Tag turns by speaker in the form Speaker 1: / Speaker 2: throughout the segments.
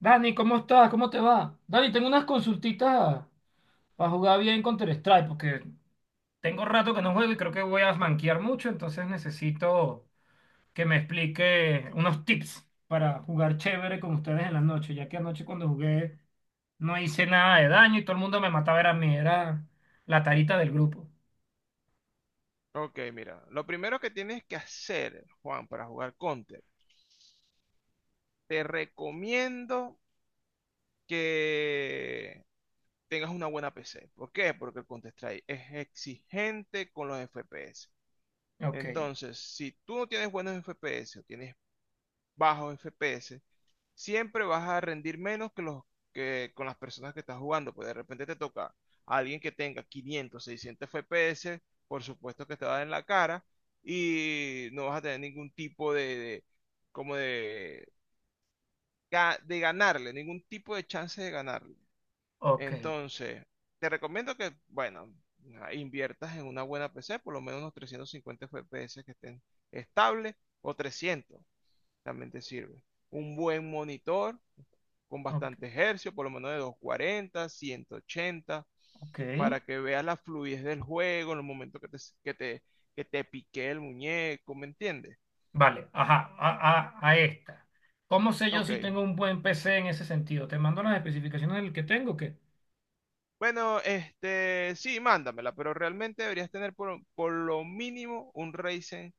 Speaker 1: Dani, ¿cómo estás? ¿Cómo te va? Dani, tengo unas consultitas para jugar bien Counter-Strike, porque tengo rato que no juego y creo que voy a manquear mucho, entonces necesito que me explique unos tips para jugar chévere con ustedes en la noche, ya que anoche cuando jugué no hice nada de daño y todo el mundo me mataba, era a mí, era la tarita del grupo.
Speaker 2: Ok, mira, lo primero que tienes que hacer, Juan, para jugar Counter, te recomiendo que tengas una buena PC. ¿Por qué? Porque el Counter-Strike es exigente con los FPS.
Speaker 1: Ok,
Speaker 2: Entonces, si tú no tienes buenos FPS o tienes bajos FPS, siempre vas a rendir menos que los que con las personas que estás jugando, pues de repente te toca a alguien que tenga 500, 600 FPS, por supuesto que te va a dar en la cara y no vas a tener ningún tipo como de, de ganarle, ningún tipo de chance de ganarle.
Speaker 1: ok,
Speaker 2: Entonces, te recomiendo que, bueno, inviertas en una buena PC, por lo menos unos 350 FPS que estén estables o 300 realmente sirve. Un buen monitor con
Speaker 1: ok,
Speaker 2: bastante hercio, por lo menos de 240 180
Speaker 1: ok.
Speaker 2: para que veas la fluidez del juego en los momentos que te, que te pique el muñeco, ¿me entiendes?
Speaker 1: Vale, ajá, a esta. ¿Cómo sé yo
Speaker 2: Ok.
Speaker 1: si tengo un buen PC en ese sentido? ¿Te mando las especificaciones del que tengo o qué?
Speaker 2: Bueno, sí, mándamela, pero realmente deberías tener por lo mínimo un Ryzen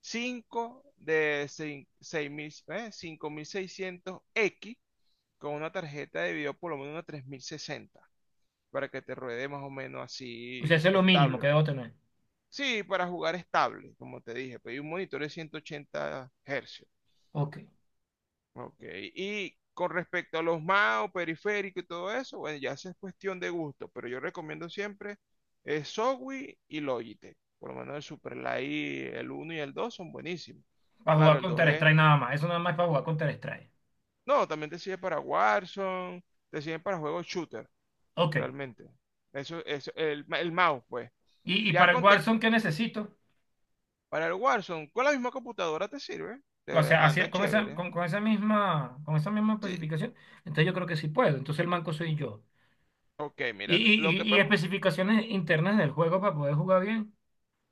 Speaker 2: 5 de seis- mil 5600X con una tarjeta de video por lo menos una 3060 para que te ruede más o menos
Speaker 1: O sea,
Speaker 2: así
Speaker 1: eso es lo mínimo
Speaker 2: estable,
Speaker 1: que
Speaker 2: pues.
Speaker 1: debo tener.
Speaker 2: Sí, para jugar estable, como te dije, pedí un monitor de 180 Hz.
Speaker 1: Ok.
Speaker 2: Ok, y con respecto a los mouse, periférico y todo eso, bueno, ya esa es cuestión de gusto, pero yo recomiendo siempre Zowie y Logitech. Por lo menos el Superlight, el uno y el 2 son buenísimos.
Speaker 1: Para
Speaker 2: Claro,
Speaker 1: jugar
Speaker 2: el 2 es,
Speaker 1: Counter-Strike nada más. Eso nada más es para jugar Counter-Strike.
Speaker 2: no, también te sirve para Warzone, te sirve para juegos shooter,
Speaker 1: Ok.
Speaker 2: realmente. Eso es el mouse, pues.
Speaker 1: Y
Speaker 2: Ya
Speaker 1: para el
Speaker 2: con, te-
Speaker 1: Warzone, ¿qué necesito?
Speaker 2: Para el Warzone, con la misma computadora te sirve.
Speaker 1: O
Speaker 2: Te
Speaker 1: sea,
Speaker 2: anda
Speaker 1: así- con esa,
Speaker 2: chévere.
Speaker 1: con, con esa misma, con esa misma
Speaker 2: Sí.
Speaker 1: especificación, entonces yo creo que sí puedo. Entonces el manco soy yo.
Speaker 2: Ok,
Speaker 1: Y,
Speaker 2: mira,
Speaker 1: y, y, y especificaciones internas del juego para poder jugar bien.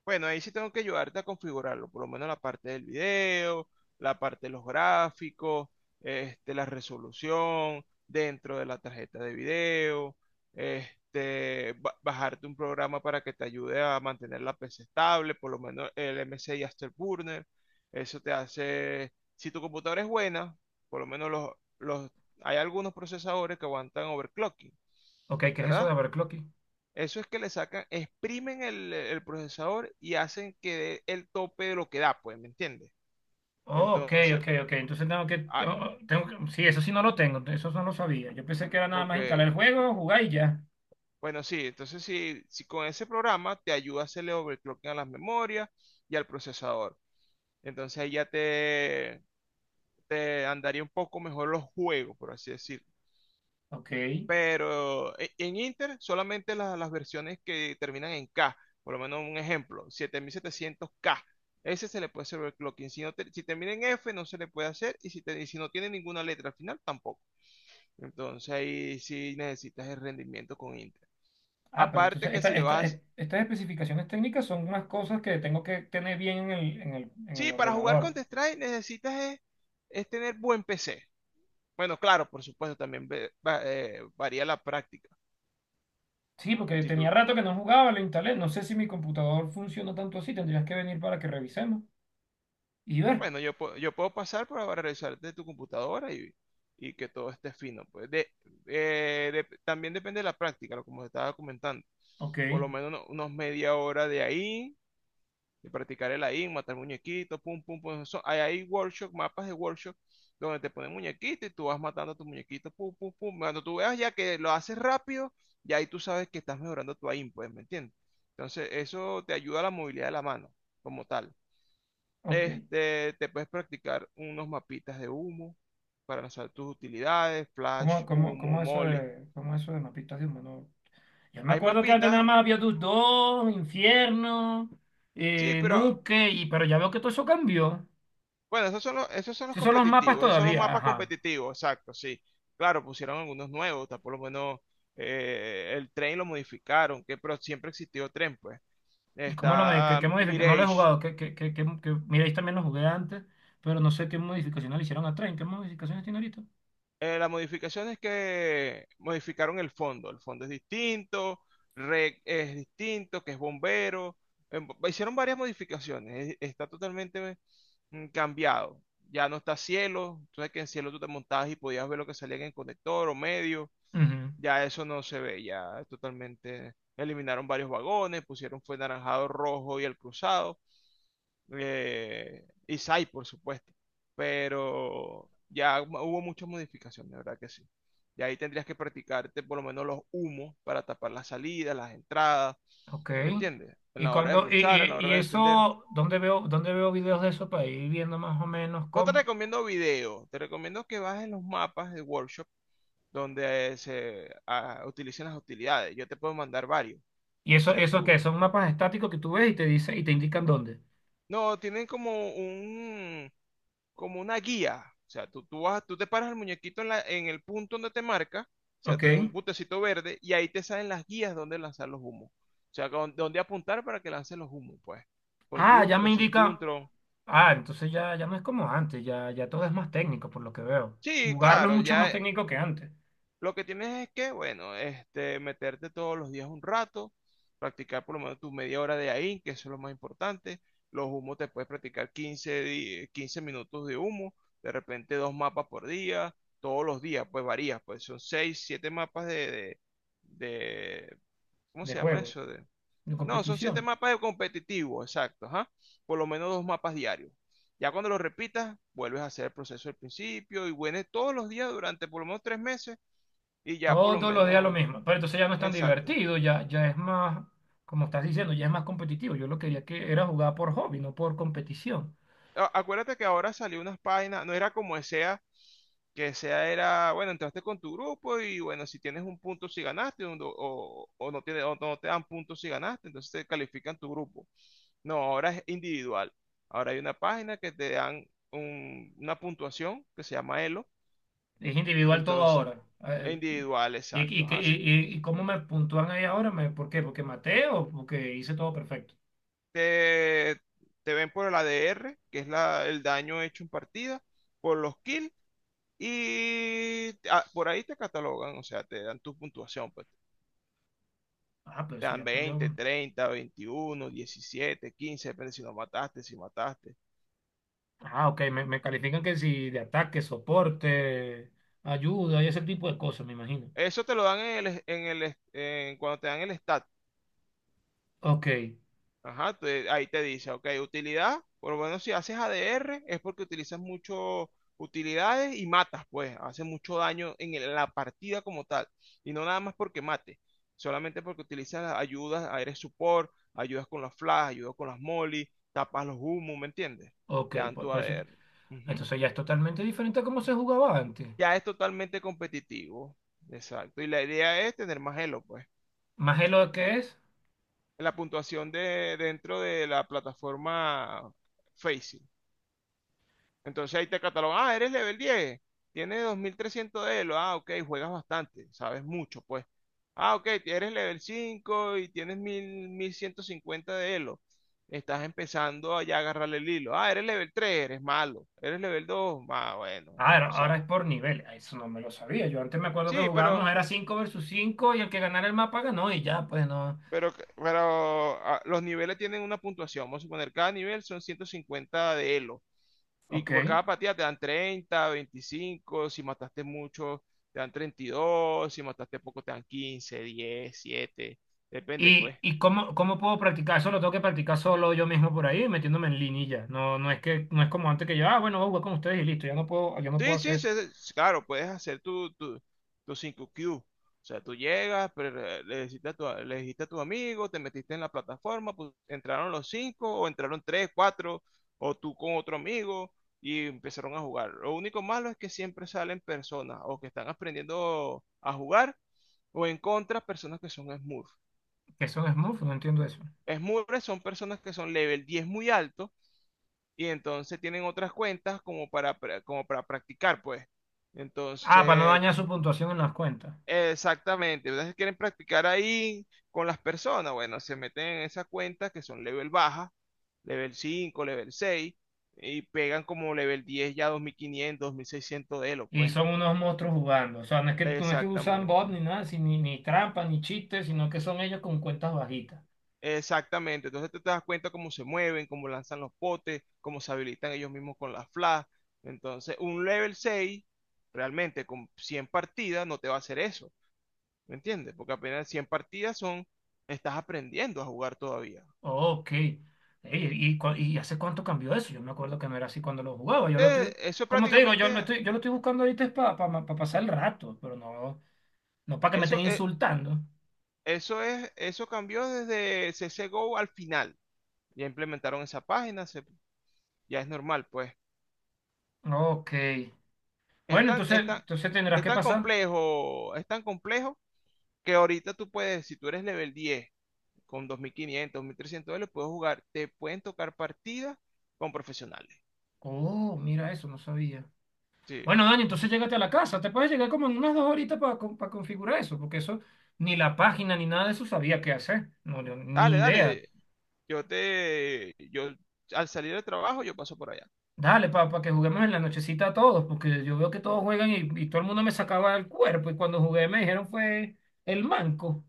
Speaker 2: bueno, ahí sí tengo que ayudarte a configurarlo, por lo menos la parte del video, la parte de los gráficos, la resolución dentro de la tarjeta de video, bajarte un programa para que te ayude a mantener la PC estable, por lo menos el MSI Afterburner. Eso te hace, si tu computadora es buena, por lo menos los, hay algunos procesadores que aguantan overclocking,
Speaker 1: Ok, ¿qué es eso de
Speaker 2: ¿verdad?
Speaker 1: overclocking?
Speaker 2: Eso es que le sacan, exprimen el procesador y hacen que dé el tope de lo que da, pues, ¿me entiendes?
Speaker 1: Oh, ok,
Speaker 2: Entonces,
Speaker 1: ok, ok. Entonces tengo que,
Speaker 2: ah,
Speaker 1: oh, tengo que- Sí, eso sí no lo tengo. Eso no lo sabía. Yo pensé que era nada
Speaker 2: ok.
Speaker 1: más instalar el juego, jugar y ya.
Speaker 2: Bueno, sí, entonces si con ese programa te ayuda a hacerle overclocking a las memorias y al procesador. Entonces ahí ya te andaría un poco mejor los juegos, por así decir.
Speaker 1: Ok.
Speaker 2: Pero en Inter solamente las versiones que terminan en K, por lo menos un ejemplo, 7700K, ese se le puede hacer overclocking. Si termina en F, no se le puede hacer, y si no tiene ninguna letra al final, tampoco. Entonces ahí sí necesitas el rendimiento con Inter.
Speaker 1: Ah, pero
Speaker 2: Aparte
Speaker 1: entonces
Speaker 2: que si le vas a...
Speaker 1: estas especificaciones técnicas son unas cosas que tengo que tener bien en el
Speaker 2: Sí, para jugar
Speaker 1: ordenador.
Speaker 2: Counter-Strike necesitas es tener buen PC. Bueno, claro, por supuesto, también varía la práctica.
Speaker 1: Sí, porque
Speaker 2: Si tú
Speaker 1: tenía rato que no jugaba, lo instalé. No sé si mi computador funciona tanto así. Tendrías que venir para que revisemos y ver.
Speaker 2: Bueno, yo puedo pasar para revisar de tu computadora y que todo esté fino. También depende de la práctica, lo como te estaba comentando.
Speaker 1: Ok,
Speaker 2: Por lo menos unos media hora de ahí, de practicar el ahí, matar muñequitos, pum, pum, pum. Hay workshop, mapas de workshop, donde te ponen muñequitos y tú vas matando a tus muñequitos, pum, pum, pum. Cuando tú veas ya que lo haces rápido, ya ahí tú sabes que estás mejorando tu aim, pues, ¿me entiendes? Entonces, eso te ayuda a la movilidad de la mano, como tal.
Speaker 1: ok.
Speaker 2: Te puedes practicar unos mapitas de humo para lanzar tus utilidades, flash,
Speaker 1: ¿Cómo, cómo,
Speaker 2: humo,
Speaker 1: cómo eso
Speaker 2: molly.
Speaker 1: de, cómo eso de mapitas de humano? Yo me
Speaker 2: Hay
Speaker 1: acuerdo que antes nada
Speaker 2: mapitas,
Speaker 1: más había tus dos, Infierno,
Speaker 2: sí, pero
Speaker 1: Nuke, y, pero ya veo que todo eso cambió.
Speaker 2: bueno, esos son los, esos son los
Speaker 1: Esos son los mapas
Speaker 2: competitivos, esos son los
Speaker 1: todavía,
Speaker 2: mapas
Speaker 1: ajá.
Speaker 2: competitivos, exacto, sí. Claro, pusieron algunos nuevos, está por lo menos el tren lo modificaron, que, pero siempre existió tren, pues.
Speaker 1: ¿Y cómo lo modi- qué,
Speaker 2: Está
Speaker 1: qué modific- No lo he
Speaker 2: Mirage.
Speaker 1: jugado. Mira, ahí también lo jugué antes, pero no sé qué modificaciones le hicieron a Train. ¿Qué modificaciones tiene ahorita?
Speaker 2: La modificación es que modificaron el fondo. El fondo es distinto, rec es distinto, que es bombero. Hicieron varias modificaciones. Está totalmente cambiado. Ya no está cielo. Entonces que en cielo tú te montabas y podías ver lo que salía en el conector o medio.
Speaker 1: Ujú.
Speaker 2: Ya eso no se ve. Ya totalmente eliminaron varios vagones, pusieron fue naranjado, rojo y el cruzado, Isai, por supuesto. Pero ya hubo muchas modificaciones, de verdad que sí. Y ahí tendrías que practicarte por lo menos los humos para tapar las salidas, las entradas,
Speaker 1: Ok.
Speaker 2: ¿me entiendes? En
Speaker 1: Y
Speaker 2: la hora de
Speaker 1: cuando, y,
Speaker 2: ruchar, en
Speaker 1: y,
Speaker 2: la
Speaker 1: y
Speaker 2: hora de defender.
Speaker 1: eso, ¿dónde veo videos de eso para ir viendo más o menos
Speaker 2: No te
Speaker 1: cómo?
Speaker 2: recomiendo video, te recomiendo que bajes los mapas de workshop donde se utilicen las utilidades. Yo te puedo mandar varios.
Speaker 1: Y
Speaker 2: O
Speaker 1: eso,
Speaker 2: sea,
Speaker 1: eso que
Speaker 2: tú...
Speaker 1: son mapas estáticos que tú ves y te dice, y te indican dónde.
Speaker 2: No, tienen como un como una guía. O sea, vas, tú te paras el muñequito en, en el punto donde te marca, o sea,
Speaker 1: Ok.
Speaker 2: en un puntecito verde, y ahí te salen las guías donde lanzar los humos. O sea, donde apuntar para que lance los humos, pues. Con
Speaker 1: Ah, ya
Speaker 2: Juntron,
Speaker 1: me
Speaker 2: sin
Speaker 1: indica.
Speaker 2: Juntron.
Speaker 1: Ah, entonces ya no es como antes, ya todo es más técnico por lo que veo.
Speaker 2: Sí,
Speaker 1: Jugarlo es
Speaker 2: claro,
Speaker 1: mucho
Speaker 2: ya.
Speaker 1: más técnico que antes,
Speaker 2: Lo que tienes es que, bueno, meterte todos los días un rato, practicar por lo menos tu media hora de ahí, que eso es lo más importante. Los humos te puedes practicar 15 minutos de humo, de repente dos mapas por día, todos los días, pues varías, pues son 6 7 mapas de- ¿cómo
Speaker 1: de
Speaker 2: se llama
Speaker 1: juego,
Speaker 2: eso?
Speaker 1: de
Speaker 2: No, son 7
Speaker 1: competición.
Speaker 2: mapas de competitivo, exacto, ajá. Por lo menos dos mapas diarios. Ya cuando lo repitas, vuelves a hacer el proceso del principio y vuelves todos los días durante por lo menos 3 meses y ya por lo
Speaker 1: Todos los días lo
Speaker 2: menos,
Speaker 1: mismo. Pero entonces ya no es tan
Speaker 2: exacto.
Speaker 1: divertido, ya, ya es más, como estás diciendo, ya es más competitivo. Yo lo quería que era jugar por hobby, no por competición.
Speaker 2: Acuérdate que ahora salió unas páginas, no era como SEA, que SEA era, bueno, entraste con tu grupo y bueno, si tienes un punto si ganaste o no te dan puntos si ganaste, entonces te califican tu grupo. No, ahora es individual. Ahora hay una página que te dan una puntuación que se llama Elo.
Speaker 1: Es individual todo
Speaker 2: Entonces,
Speaker 1: ahora. Ah, eh,
Speaker 2: individual, exacto.
Speaker 1: y,
Speaker 2: Ajá, si
Speaker 1: y cómo me puntúan ahí ahora? ¿Por qué? ¿Porque maté o porque hice todo perfecto?
Speaker 2: te, te ven por el ADR, que es la, el daño hecho en partida, por los kills. Y por ahí te catalogan, o sea, te dan tu puntuación, pues
Speaker 1: Ah, pero
Speaker 2: te
Speaker 1: eso
Speaker 2: dan
Speaker 1: ya cambió.
Speaker 2: 20, 30, 21, 17, 15, depende si no mataste, si mataste.
Speaker 1: Ah, ok, me califican que si de ataque, soporte, ayuda y ese tipo de cosas, me imagino.
Speaker 2: Eso te lo dan cuando te dan el stat.
Speaker 1: Ok,
Speaker 2: Ajá, ahí te dice, ok, utilidad, por lo menos si haces ADR es porque utilizas mucho utilidades y matas, pues, hace mucho daño en la partida como tal, y no nada más porque mate, solamente porque utilizas las ayudas, eres support, ayudas con las flash, ayudas con las molly, tapas los humos, ¿me entiendes?
Speaker 1: ok,
Speaker 2: Te dan
Speaker 1: por,
Speaker 2: tu
Speaker 1: por eso.
Speaker 2: ADR. Ujú.
Speaker 1: Entonces ya es totalmente diferente a cómo se jugaba antes.
Speaker 2: Ya es totalmente competitivo, exacto, y la idea es tener más elo, pues.
Speaker 1: Más de lo que es.
Speaker 2: La puntuación de dentro de la plataforma Facing. Entonces ahí te catalogan, ah, eres level 10, tienes 2300 de elo, ah, ok, juegas bastante, sabes mucho, pues. Ah, ok, eres level 5 y tienes mil ciento cincuenta de elo. Estás empezando a ya agarrarle el hilo. Ah, eres level 3, eres malo. Eres level 2, ah, bueno, ya tú
Speaker 1: Ahora es
Speaker 2: sabes.
Speaker 1: por nivel. Ah, eso no me lo sabía. Yo antes me acuerdo que
Speaker 2: Sí, pero,
Speaker 1: jugábamos, era 5 versus 5 y el que ganara el mapa ganó y ya, pues no.
Speaker 2: pero, pero ah, los niveles tienen una puntuación. Vamos a suponer, cada nivel son 150 de elo. Y que por
Speaker 1: Ok.
Speaker 2: cada partida te dan 30, 25, si mataste mucho te dan 32, si mataste poco te dan 15, 10, 7, depende pues.
Speaker 1: ¿Y cómo, cómo puedo practicar? Eso lo tengo que practicar solo yo mismo por ahí, metiéndome en línea y ya. No es como antes que yo, ah, bueno, voy a jugar con ustedes y listo. Ya no puedo, yo no puedo
Speaker 2: Sí, sí,
Speaker 1: hacer
Speaker 2: sí, sí, claro, puedes hacer tu 5Q. O sea, tú llegas, le dijiste a tu amigo, te metiste en la plataforma, pues, entraron los 5 o entraron 3, 4, o tú con otro amigo y empezaron a jugar. Lo único malo es que siempre salen personas o que están aprendiendo a jugar. O en contra, personas que son Smurf.
Speaker 1: que son smurfs, no entiendo eso.
Speaker 2: Smurfs son personas que son level 10 muy alto y entonces tienen otras cuentas como para, como para practicar, pues.
Speaker 1: Ah, para no
Speaker 2: Entonces,
Speaker 1: dañar su puntuación en las cuentas.
Speaker 2: exactamente, ¿verdad? Si quieren practicar ahí con las personas, bueno, se meten en esas cuentas que son level baja, level 5, level 6 y pegan como level 10 ya 2500, 2600 de elo,
Speaker 1: Y
Speaker 2: pues.
Speaker 1: son unos monstruos jugando. O sea, no es que usan bot ni
Speaker 2: Exactamente.
Speaker 1: nada, ni trampa, ni chistes, sino que son ellos con cuentas bajitas.
Speaker 2: Exactamente, entonces tú te das cuenta cómo se mueven, cómo lanzan los potes, cómo se habilitan ellos mismos con las flash. Entonces, un level 6 realmente con 100 partidas, no te va a hacer eso, ¿me entiendes? Porque apenas 100 partidas son, estás aprendiendo a jugar todavía.
Speaker 1: Oh, ok. Ey, y hace cuánto cambió eso? Yo me acuerdo que no era así cuando lo jugaba. Yo lo estoy,
Speaker 2: Eso
Speaker 1: como te digo,
Speaker 2: prácticamente,
Speaker 1: yo lo estoy buscando ahorita es para pasar el rato, pero no, no para que me estén
Speaker 2: eso, es-
Speaker 1: insultando.
Speaker 2: eso cambió desde CSGO al final. Ya implementaron esa página, ya es normal, pues.
Speaker 1: Ok.
Speaker 2: Es
Speaker 1: Bueno,
Speaker 2: tan,
Speaker 1: entonces,
Speaker 2: es tan-
Speaker 1: entonces tendrás
Speaker 2: es
Speaker 1: que
Speaker 2: tan
Speaker 1: pasar.
Speaker 2: complejo, es tan complejo que ahorita tú puedes, si tú eres level 10 con 2500, $2300, puedes jugar, te pueden tocar partidas con profesionales.
Speaker 1: Oh, mira eso, no sabía.
Speaker 2: Sí.
Speaker 1: Bueno, Dani, entonces
Speaker 2: Ujú.
Speaker 1: llégate a la casa. Te puedes llegar como en unas 2 horitas para configurar eso, porque eso, ni la página ni nada de eso sabía qué hacer. No, yo
Speaker 2: Dale,
Speaker 1: ni idea.
Speaker 2: dale. Yo al salir del trabajo, yo paso por allá.
Speaker 1: Dale, papá, que juguemos en la nochecita todos, porque yo veo que todos juegan y todo el mundo me sacaba el cuerpo y cuando jugué me dijeron fue el manco.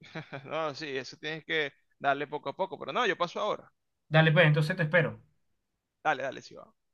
Speaker 2: No, sí, eso tienes que darle poco a poco, pero no, yo paso ahora.
Speaker 1: Dale, pues, entonces te espero.
Speaker 2: Dale, dale, sí va.